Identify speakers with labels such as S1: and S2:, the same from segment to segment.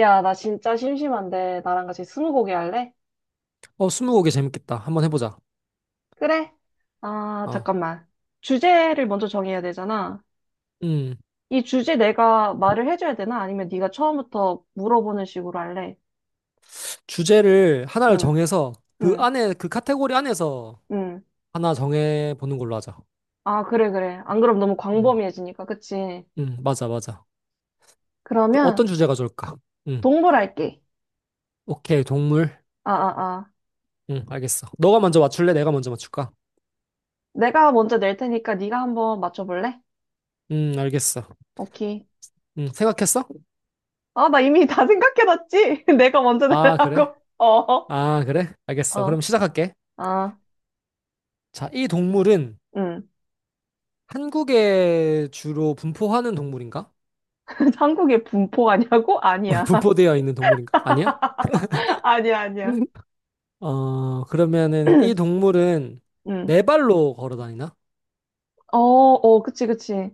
S1: 야, 나 진짜 심심한데 나랑 같이 스무고개 할래?
S2: 어, 스무고개 재밌겠다. 한번 해보자.
S1: 그래? 아,
S2: 어,
S1: 잠깐만. 주제를 먼저 정해야 되잖아.
S2: 음,
S1: 이 주제 내가 말을 해줘야 되나? 아니면 네가 처음부터 물어보는 식으로 할래?
S2: 주제를 하나를
S1: 응,
S2: 정해서 그
S1: 응,
S2: 안에, 그 카테고리 안에서
S1: 응.
S2: 하나 정해보는 걸로 하자.
S1: 아, 그래, 그래. 안 그럼 너무
S2: 음,
S1: 광범위해지니까, 그치?
S2: 맞아, 맞아. 그럼
S1: 그러면
S2: 어떤 주제가 좋을까? 음,
S1: 동물 할게.
S2: 오케이, 동물.
S1: 아, 아, 아.
S2: 알겠어. 너가 먼저 맞출래? 내가 먼저 맞출까?
S1: 내가 먼저 낼 테니까 네가 한번 맞춰볼래?
S2: 알겠어.
S1: 오케이.
S2: 생각했어?
S1: 아, 나 이미 다 생각해놨지? 내가 먼저
S2: 아, 그래?
S1: 내라고. 어,
S2: 아, 그래? 알겠어. 그럼
S1: 어,
S2: 시작할게.
S1: 아,
S2: 자, 이 동물은
S1: 응.
S2: 한국에 주로 분포하는 동물인가?
S1: 한국의 분포가냐고? 아니야.
S2: 분포되어 있는 동물인가? 아니야?
S1: 아니야, 아니야.
S2: 어, 그러면은 이 동물은
S1: 음.
S2: 네 발로 걸어 다니나?
S1: 어, 어, 그치, 그치.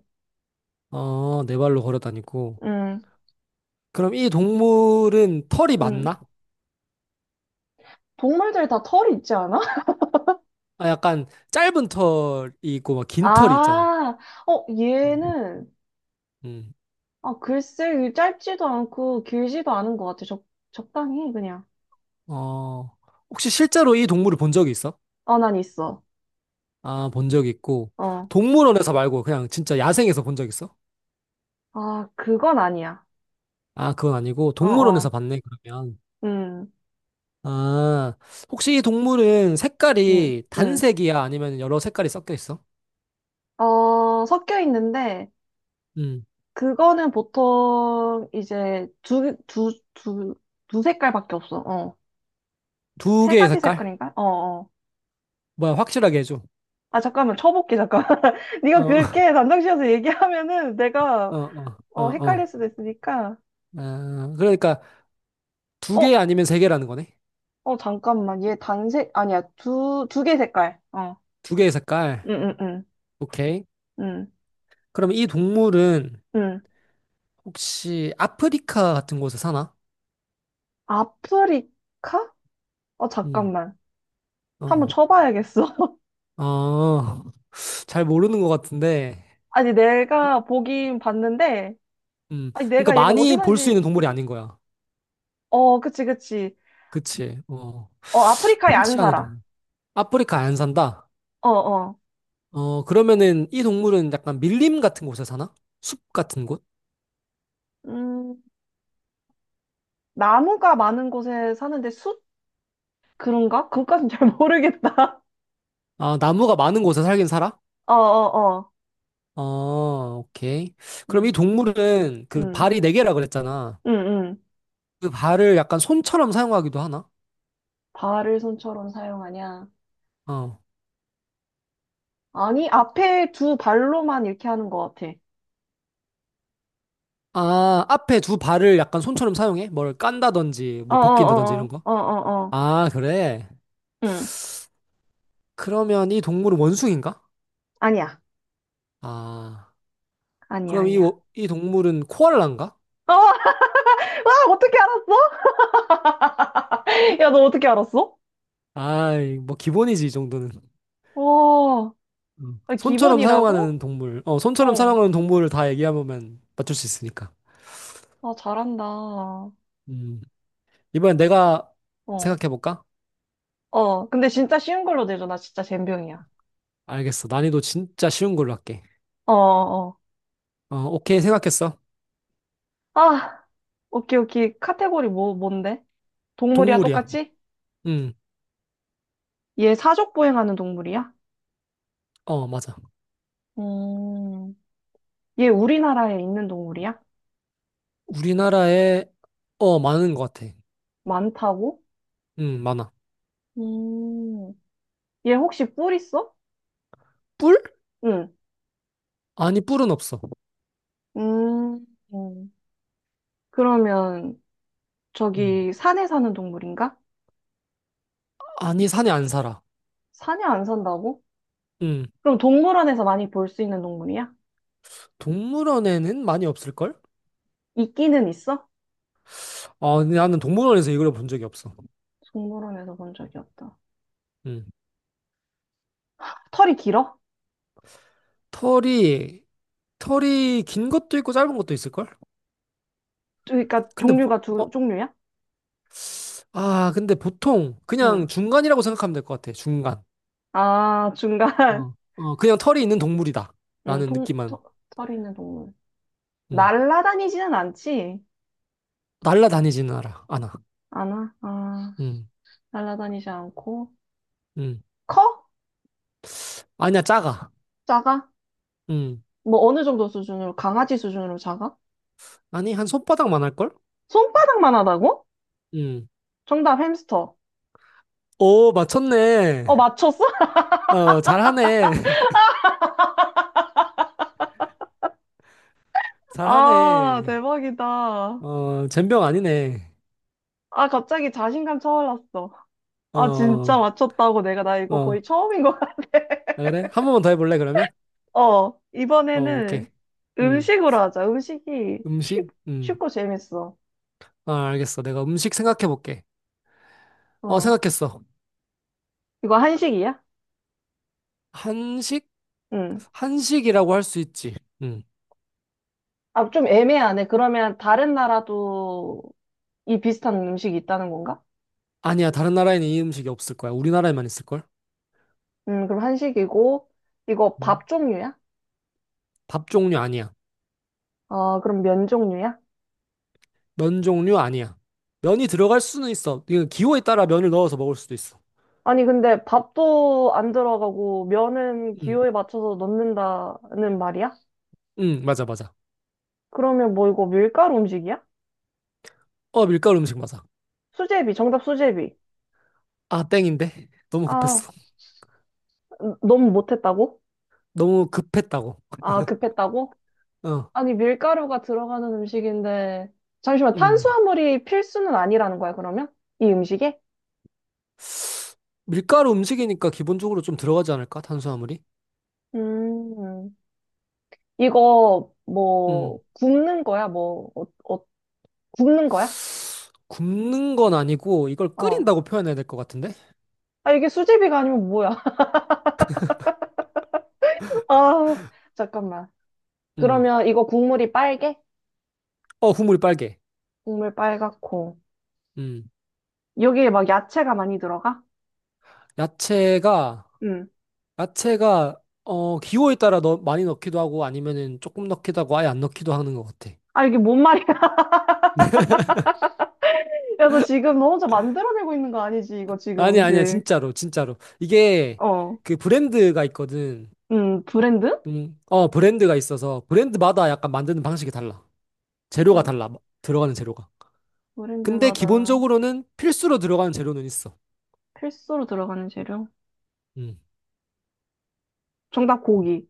S2: 어, 네 발로 걸어 다니고.
S1: 음,
S2: 그럼 이 동물은 털이
S1: 음.
S2: 많나?
S1: 동물들 다 털이 있지 않아?
S2: 아, 약간 짧은 털이 있고 막 긴 털이 있잖아.
S1: 아, 어,
S2: 음.
S1: 얘는,
S2: 음.
S1: 아, 글쎄, 이게 짧지도 않고 길지도 않은 것 같아. 적, 적당히, 그냥.
S2: 어, 혹시 실제로 이 동물을 본 적이 있어?
S1: 어, 난 있어.
S2: 아, 본 적이 있고.
S1: 어.
S2: 동물원에서 말고 그냥 진짜 야생에서 본 적 있어?
S1: 아, 그건 아니야.
S2: 아, 그건 아니고
S1: 어,
S2: 동물원에서
S1: 어.
S2: 봤네, 그러면.
S1: 음,
S2: 아, 혹시 이 동물은
S1: 음,
S2: 색깔이
S1: 음.
S2: 단색이야? 아니면 여러 색깔이 섞여 있어?
S1: 어, 섞여 있는데,
S2: 음.
S1: 그거는 보통 이제 두 색깔밖에 없어. 어.
S2: 두
S1: 세
S2: 개의
S1: 가지
S2: 색깔?
S1: 색깔인가? 어, 어.
S2: 뭐야, 확실하게 해줘.
S1: 아, 잠깐만. 쳐볼게, 잠깐만. 네가
S2: 어,
S1: 그렇게 단정지어서 얘기하면은 내가
S2: 어, 어, 어,
S1: 어, 헷갈릴
S2: 어.
S1: 수도 있으니까.
S2: 아, 그러니까 두 개
S1: 어,
S2: 아니면 세 개라는 거네.
S1: 어, 잠깐만. 얘 단색, 아니야. 두 개 색깔. 어.
S2: 두 개의
S1: 응,
S2: 색깔.
S1: 응, 응.
S2: 오케이.
S1: 응,
S2: 그럼 이 동물은
S1: 응.
S2: 혹시 아프리카 같은 곳에 사나?
S1: 아프리카? 어,
S2: 음,
S1: 잠깐만. 한번
S2: 어,
S1: 쳐봐야겠어.
S2: 어, 어, 잘 모르는 것 같은데.
S1: 아니, 내가 보긴 봤는데, 아니,
S2: 그러니까
S1: 내가 얘가 어디
S2: 많이 볼 수 있는
S1: 사는지,
S2: 동물이 아닌 거야.
S1: 어, 그치, 그치.
S2: 그치. 어,
S1: 어, 아프리카에 안
S2: 흔치 않은
S1: 살아.
S2: 동물. 아프리카 안 산다.
S1: 어, 어.
S2: 어, 그러면은 이 동물은 약간 밀림 같은 곳에 사나? 숲 같은 곳?
S1: 음, 나무가 많은 곳에 사는데 숲? 그런가? 그것까진 잘 모르겠다.
S2: 아, 나무가 많은 곳에 살긴 살아?
S1: 어, 어, 어.
S2: 어 오케이. 그럼 이
S1: 음,
S2: 동물은 그
S1: 음,
S2: 발이 네 개라 그랬잖아.
S1: 음, 음.
S2: 그 발을 약간 손처럼 사용하기도 하나?
S1: 발을 손처럼 사용하냐?
S2: 어.
S1: 아니, 앞에 두 발로만 이렇게 하는 것 같아.
S2: 아, 앞에 두 발을 약간 손처럼 사용해? 뭘 깐다든지,
S1: 어, 어,
S2: 뭐 벗긴다든지 이런
S1: 어,
S2: 거?
S1: 어, 어, 어, 어.
S2: 아, 그래.
S1: 음,
S2: 그러면 이 동물은 원숭인가?
S1: 아니야.
S2: 아,
S1: 아니야,
S2: 그럼 이,
S1: 아니야.
S2: 이 동물은 코알라인가?
S1: 어, 와, 어떻게 알았어? 야, 너 어떻게 알았어?
S2: 아, 뭐 기본이지, 이 정도는.
S1: 와,
S2: 음. 손처럼
S1: 기본이라고?
S2: 사용하는 동물, 어, 손처럼
S1: 어,
S2: 사용하는 동물을 다 얘기해보면 맞출 수 있으니까.
S1: 아, 잘한다.
S2: 음. 이번엔 내가
S1: 어.
S2: 생각해볼까?
S1: 어, 근데 진짜 쉬운 걸로 내줘. 나 진짜 젬병이야.
S2: 알겠어. 난이도 진짜 쉬운 걸로 할게.
S1: 어, 어.
S2: 어, 오케이. 생각했어.
S1: 아, 오케이, 오케이. 카테고리 뭔데? 동물이야,
S2: 동물이야.
S1: 똑같이?
S2: 응.
S1: 얘 사족 보행하는 동물이야?
S2: 어, 맞아.
S1: 음, 얘 우리나라에 있는 동물이야?
S2: 우리나라에, 어, 많은 것 같아.
S1: 많다고?
S2: 응, 많아.
S1: 음, 얘 혹시 뿔 있어?
S2: 뿔?
S1: 응.
S2: 아니, 뿔은 없어.
S1: 음, 음. 그러면
S2: 응.
S1: 저기 산에 사는 동물인가?
S2: 아니, 산에 안 살아.
S1: 산에 안 산다고?
S2: 응.
S1: 그럼 동물원에서 많이 볼 수 있는 동물이야?
S2: 동물원에는 많이 없을걸?
S1: 있기는 있어?
S2: 아, 근데 나는 동물원에서 이걸 본 적이 없어.
S1: 동물원에서 본 적이 없다.
S2: 응.
S1: 털이 길어?
S2: 털이, 털이 긴 것도 있고 짧은 것도 있을걸?
S1: 그러니까
S2: 근데, 보,
S1: 종류가
S2: 어,
S1: 두 종류야?
S2: 아, 근데 보통
S1: 응.
S2: 그냥 중간이라고 생각하면 될 것 같아. 중간.
S1: 아, 중간.
S2: 어, 어, 그냥 털이 있는 동물이다.
S1: 응,
S2: 라는
S1: 통,
S2: 느낌만.
S1: 터, 털이 있는 동물.
S2: 음.
S1: 날라다니지는 않지?
S2: 날라다니지는 않아. 않아.
S1: 않아? 아,
S2: 음.
S1: 날라다니지 않고.
S2: 음.
S1: 커?
S2: 아니야, 작아.
S1: 작아?
S2: 음.
S1: 뭐 어느 정도 수준으로? 강아지 수준으로 작아?
S2: 아니, 한 손바닥만 할걸?
S1: 손바닥만 하다고?
S2: 음.
S1: 정답 햄스터.
S2: 오, 맞췄네.
S1: 어, 맞췄어?
S2: 어, 잘하네.
S1: 아,
S2: 잘하네.
S1: 대박이다.
S2: 어, 젬병 아니네.
S1: 아, 갑자기 자신감 차올랐어.
S2: 어,
S1: 아, 진짜
S2: 어.
S1: 맞췄다고 내가 나 이거
S2: 아,
S1: 거의 처음인 거
S2: 그래? 한 번만 더 해볼래, 그러면?
S1: 어,
S2: 어, 오케이.
S1: 이번에는
S2: 음.
S1: 음식으로 하자. 음식이
S2: 음식?
S1: 쉽,
S2: 음.
S1: 쉽고 재밌어.
S2: 아, 알겠어. 내가 음식 생각해볼게. 어,
S1: 어,
S2: 생각했어.
S1: 이거 한식이야?
S2: 한식?
S1: 응.
S2: 한식이라고 할 수 있지. 음.
S1: 아, 좀 애매하네. 그러면 다른 나라도 이 비슷한 음식이 있다는 건가?
S2: 아니야, 다른 나라에는 이 음식이 없을 거야. 우리나라에만 있을걸?
S1: 그럼 한식이고, 이거
S2: 음.
S1: 밥 종류야?
S2: 밥 종류 아니야.
S1: 아, 그럼 면 종류야?
S2: 면 종류 아니야. 면이 들어갈 수는 있어. 이거 기호에 따라 면을 넣어서 먹을 수도 있어.
S1: 아니, 근데 밥도 안 들어가고, 면은
S2: 응,
S1: 기호에 맞춰서 넣는다는 말이야?
S2: 응, 맞아, 맞아.
S1: 그러면 뭐 이거 밀가루 음식이야?
S2: 어, 밀가루 음식 맞아.
S1: 수제비, 정답 수제비.
S2: 아, 땡인데? 너무
S1: 아,
S2: 급했어.
S1: 너무 못했다고?
S2: 너무 급했다고.
S1: 아, 급했다고?
S2: 어,
S1: 아니, 밀가루가 들어가는 음식인데, 잠시만,
S2: 음.
S1: 탄수화물이 필수는 아니라는 거야, 그러면? 이 음식에?
S2: 밀가루 음식이니까 기본적으로 좀 들어가지 않을까? 탄수화물이?
S1: 음, 이거, 뭐,
S2: 음.
S1: 굽는 거야? 뭐, 어, 어, 굽는 거야?
S2: 굽는 건 아니고 이걸
S1: 어.
S2: 끓인다고 표현해야 될 것 같은데?
S1: 아, 이게 수제비가 아니면 뭐야? 아, 잠깐만.
S2: 음.
S1: 그러면 이거 국물이 빨개?
S2: 어, 국물이 빨개.
S1: 국물 빨갛고.
S2: 음.
S1: 여기에 막 야채가 많이 들어가?
S2: 야채가
S1: 응.
S2: 야채가 어 기호에 따라 넣, 많이 넣기도 하고 아니면은 조금 넣기도 하고 아예 안 넣기도 하는 것 같아.
S1: 아, 이게 뭔 말이야? 야, 너 지금 너 혼자 만들어내고 있는 거 아니지? 이거 지금
S2: 아니 아니야
S1: 음식.
S2: 진짜로 진짜로 이게
S1: 어.
S2: 그 브랜드가 있거든.
S1: 브랜드?
S2: 어 브랜드가 있어서 브랜드마다 약간 만드는 방식이 달라. 재료가
S1: 어,
S2: 달라 들어가는 재료가. 근데
S1: 브랜드마다.
S2: 기본적으로는 필수로 들어가는 재료는 있어.
S1: 필수로 들어가는 재료?
S2: 음.
S1: 정답 고기.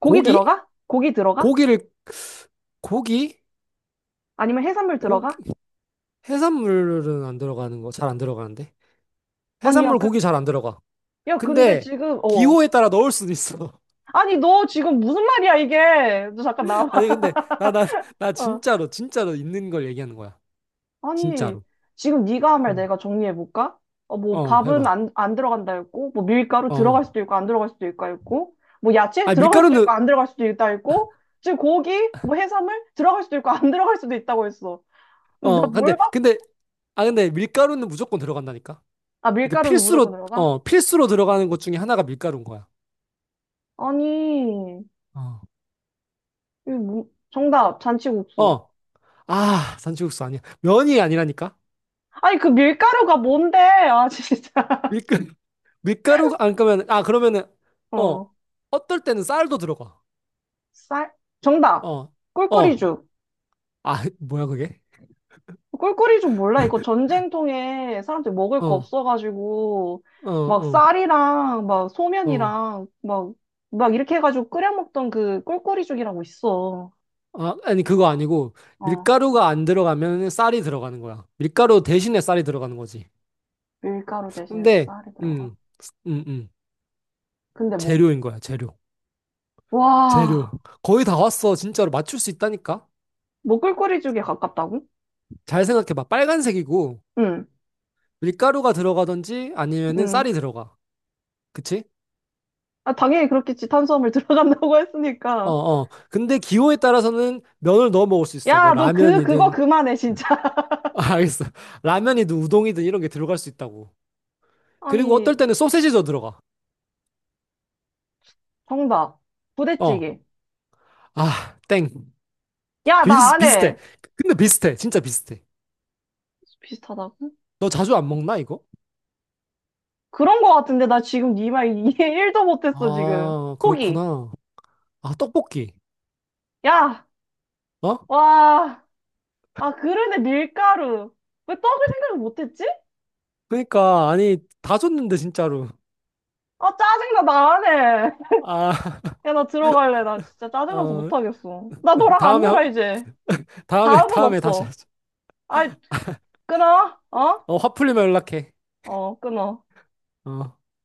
S1: 고기
S2: 고기?
S1: 들어가? 고기 들어가?
S2: 고기를 고기?
S1: 아니면 해산물
S2: 고기
S1: 들어가?
S2: 해산물은 안 들어가는 거 잘 안 들어가는데
S1: 아니, 야,
S2: 해산물 고기
S1: 근,
S2: 잘 안 들어가.
S1: 야, 근데
S2: 근데
S1: 지금, 어.
S2: 기호에 따라 넣을 수도 있어.
S1: 아니, 너 지금 무슨 말이야, 이게? 너 잠깐 나와.
S2: 아니 근데 나
S1: 어.
S2: 진짜로 진짜로 있는 걸 얘기하는 거야.
S1: 아니,
S2: 진짜로.
S1: 지금 네가 한 말
S2: 응.
S1: 내가 정리해볼까? 어, 뭐,
S2: 어, 해봐.
S1: 밥은 안 들어간다 했고, 뭐, 밀가루 들어갈
S2: 어.
S1: 수도 있고, 안 들어갈 수도 있고, 했고, 뭐, 야채
S2: 아
S1: 들어갈 수도
S2: 밀가루는
S1: 있고, 안 들어갈 수도 있다 했고, 지금 고기, 뭐, 해산물 들어갈 수도 있고, 안 들어갈 수도 있다고 했어. 나
S2: 어 근데
S1: 뭘 봐?
S2: 근데 아 근데 밀가루는 무조건 들어간다니까.
S1: 아,
S2: 이거
S1: 밀가루는 무조건
S2: 필수로
S1: 들어가?
S2: 어 필수로 들어가는 것 중에 하나가 밀가루인 거야.
S1: 아니.
S2: 어.
S1: 이거 뭐- 정답, 잔치국수.
S2: 어. 아 잔치국수 아니야. 면이 아니라니까.
S1: 아니, 그 밀가루가 뭔데? 아, 진짜.
S2: 밀가 밀가루 안 그러면 아 그러면은 어
S1: 어.
S2: 어떨 때는 쌀도 들어가.
S1: 쌀? 정답.
S2: 어. 어.
S1: 꿀꿀이죽.
S2: 아 뭐야 그게?
S1: 꿀꿀이죽 몰라. 이거 전쟁통에 사람들이 먹을
S2: 어.
S1: 거
S2: 어.
S1: 없어가지고, 막
S2: 어.
S1: 쌀이랑, 막
S2: 어.
S1: 소면이랑, 막, 막 이렇게 해가지고 끓여 먹던 그 꿀꿀이죽이라고 있어.
S2: 아, 아니 그거 아니고
S1: 어.
S2: 밀가루가 안 들어가면 쌀이 들어가는 거야. 밀가루 대신에 쌀이 들어가는 거지.
S1: 밀가루 대신에
S2: 근데
S1: 쌀이 들어가.
S2: 음, 음, 음.
S1: 근데 뭐.
S2: 재료인 거야, 재료. 재료.
S1: 와.
S2: 거의 다 왔어. 진짜로 맞출 수 있다니까.
S1: 뭐 꿀꿀이죽에 가깝다고?
S2: 잘 생각해 봐. 빨간색이고
S1: 응,
S2: 밀가루가 들어가든지 아니면은
S1: 응.
S2: 쌀이 들어가. 그치?
S1: 아, 당연히 그렇겠지. 탄수화물 들어간다고
S2: 어,
S1: 했으니까.
S2: 어. 근데 기호에 따라서는 면을 넣어 먹을 수 있어. 뭐
S1: 야, 너 그거
S2: 라면이든
S1: 그만해, 진짜.
S2: 아, 알겠어. 라면이든 우동이든 이런 게 들어갈 수 있다고. 그리고
S1: 아니,
S2: 어떨 때는 소세지도 들어가.
S1: 정답.
S2: 어.
S1: 부대찌개.
S2: 아, 땡.
S1: 야, 나 안
S2: 비슷해.
S1: 해.
S2: 근데 비슷해. 진짜 비슷해.
S1: 비슷하다고?
S2: 너 자주 안 먹나, 이거?
S1: 그런 거 같은데, 나 지금 네 말 이해 1도 못했어, 지금.
S2: 아,
S1: 포기.
S2: 그렇구나. 아, 떡볶이.
S1: 야,
S2: 어?
S1: 와. 아, 그러네, 밀가루. 왜 떡을 생각을 못했지?
S2: 그러니까, 아니, 다 줬는데, 진짜로.
S1: 아, 짜증나, 나 안 해.
S2: 아,
S1: 야, 나 들어갈래. 나 진짜 짜증나서
S2: 어,
S1: 못하겠어. 나 너랑 안
S2: 다음에,
S1: 놀아, 이제.
S2: 다음에,
S1: 다음은
S2: 다음에 다시
S1: 없어.
S2: 하자.
S1: 아이, 끊어. 어?
S2: 어, 화 풀리면 연락해.
S1: 어, 끊어.
S2: 어.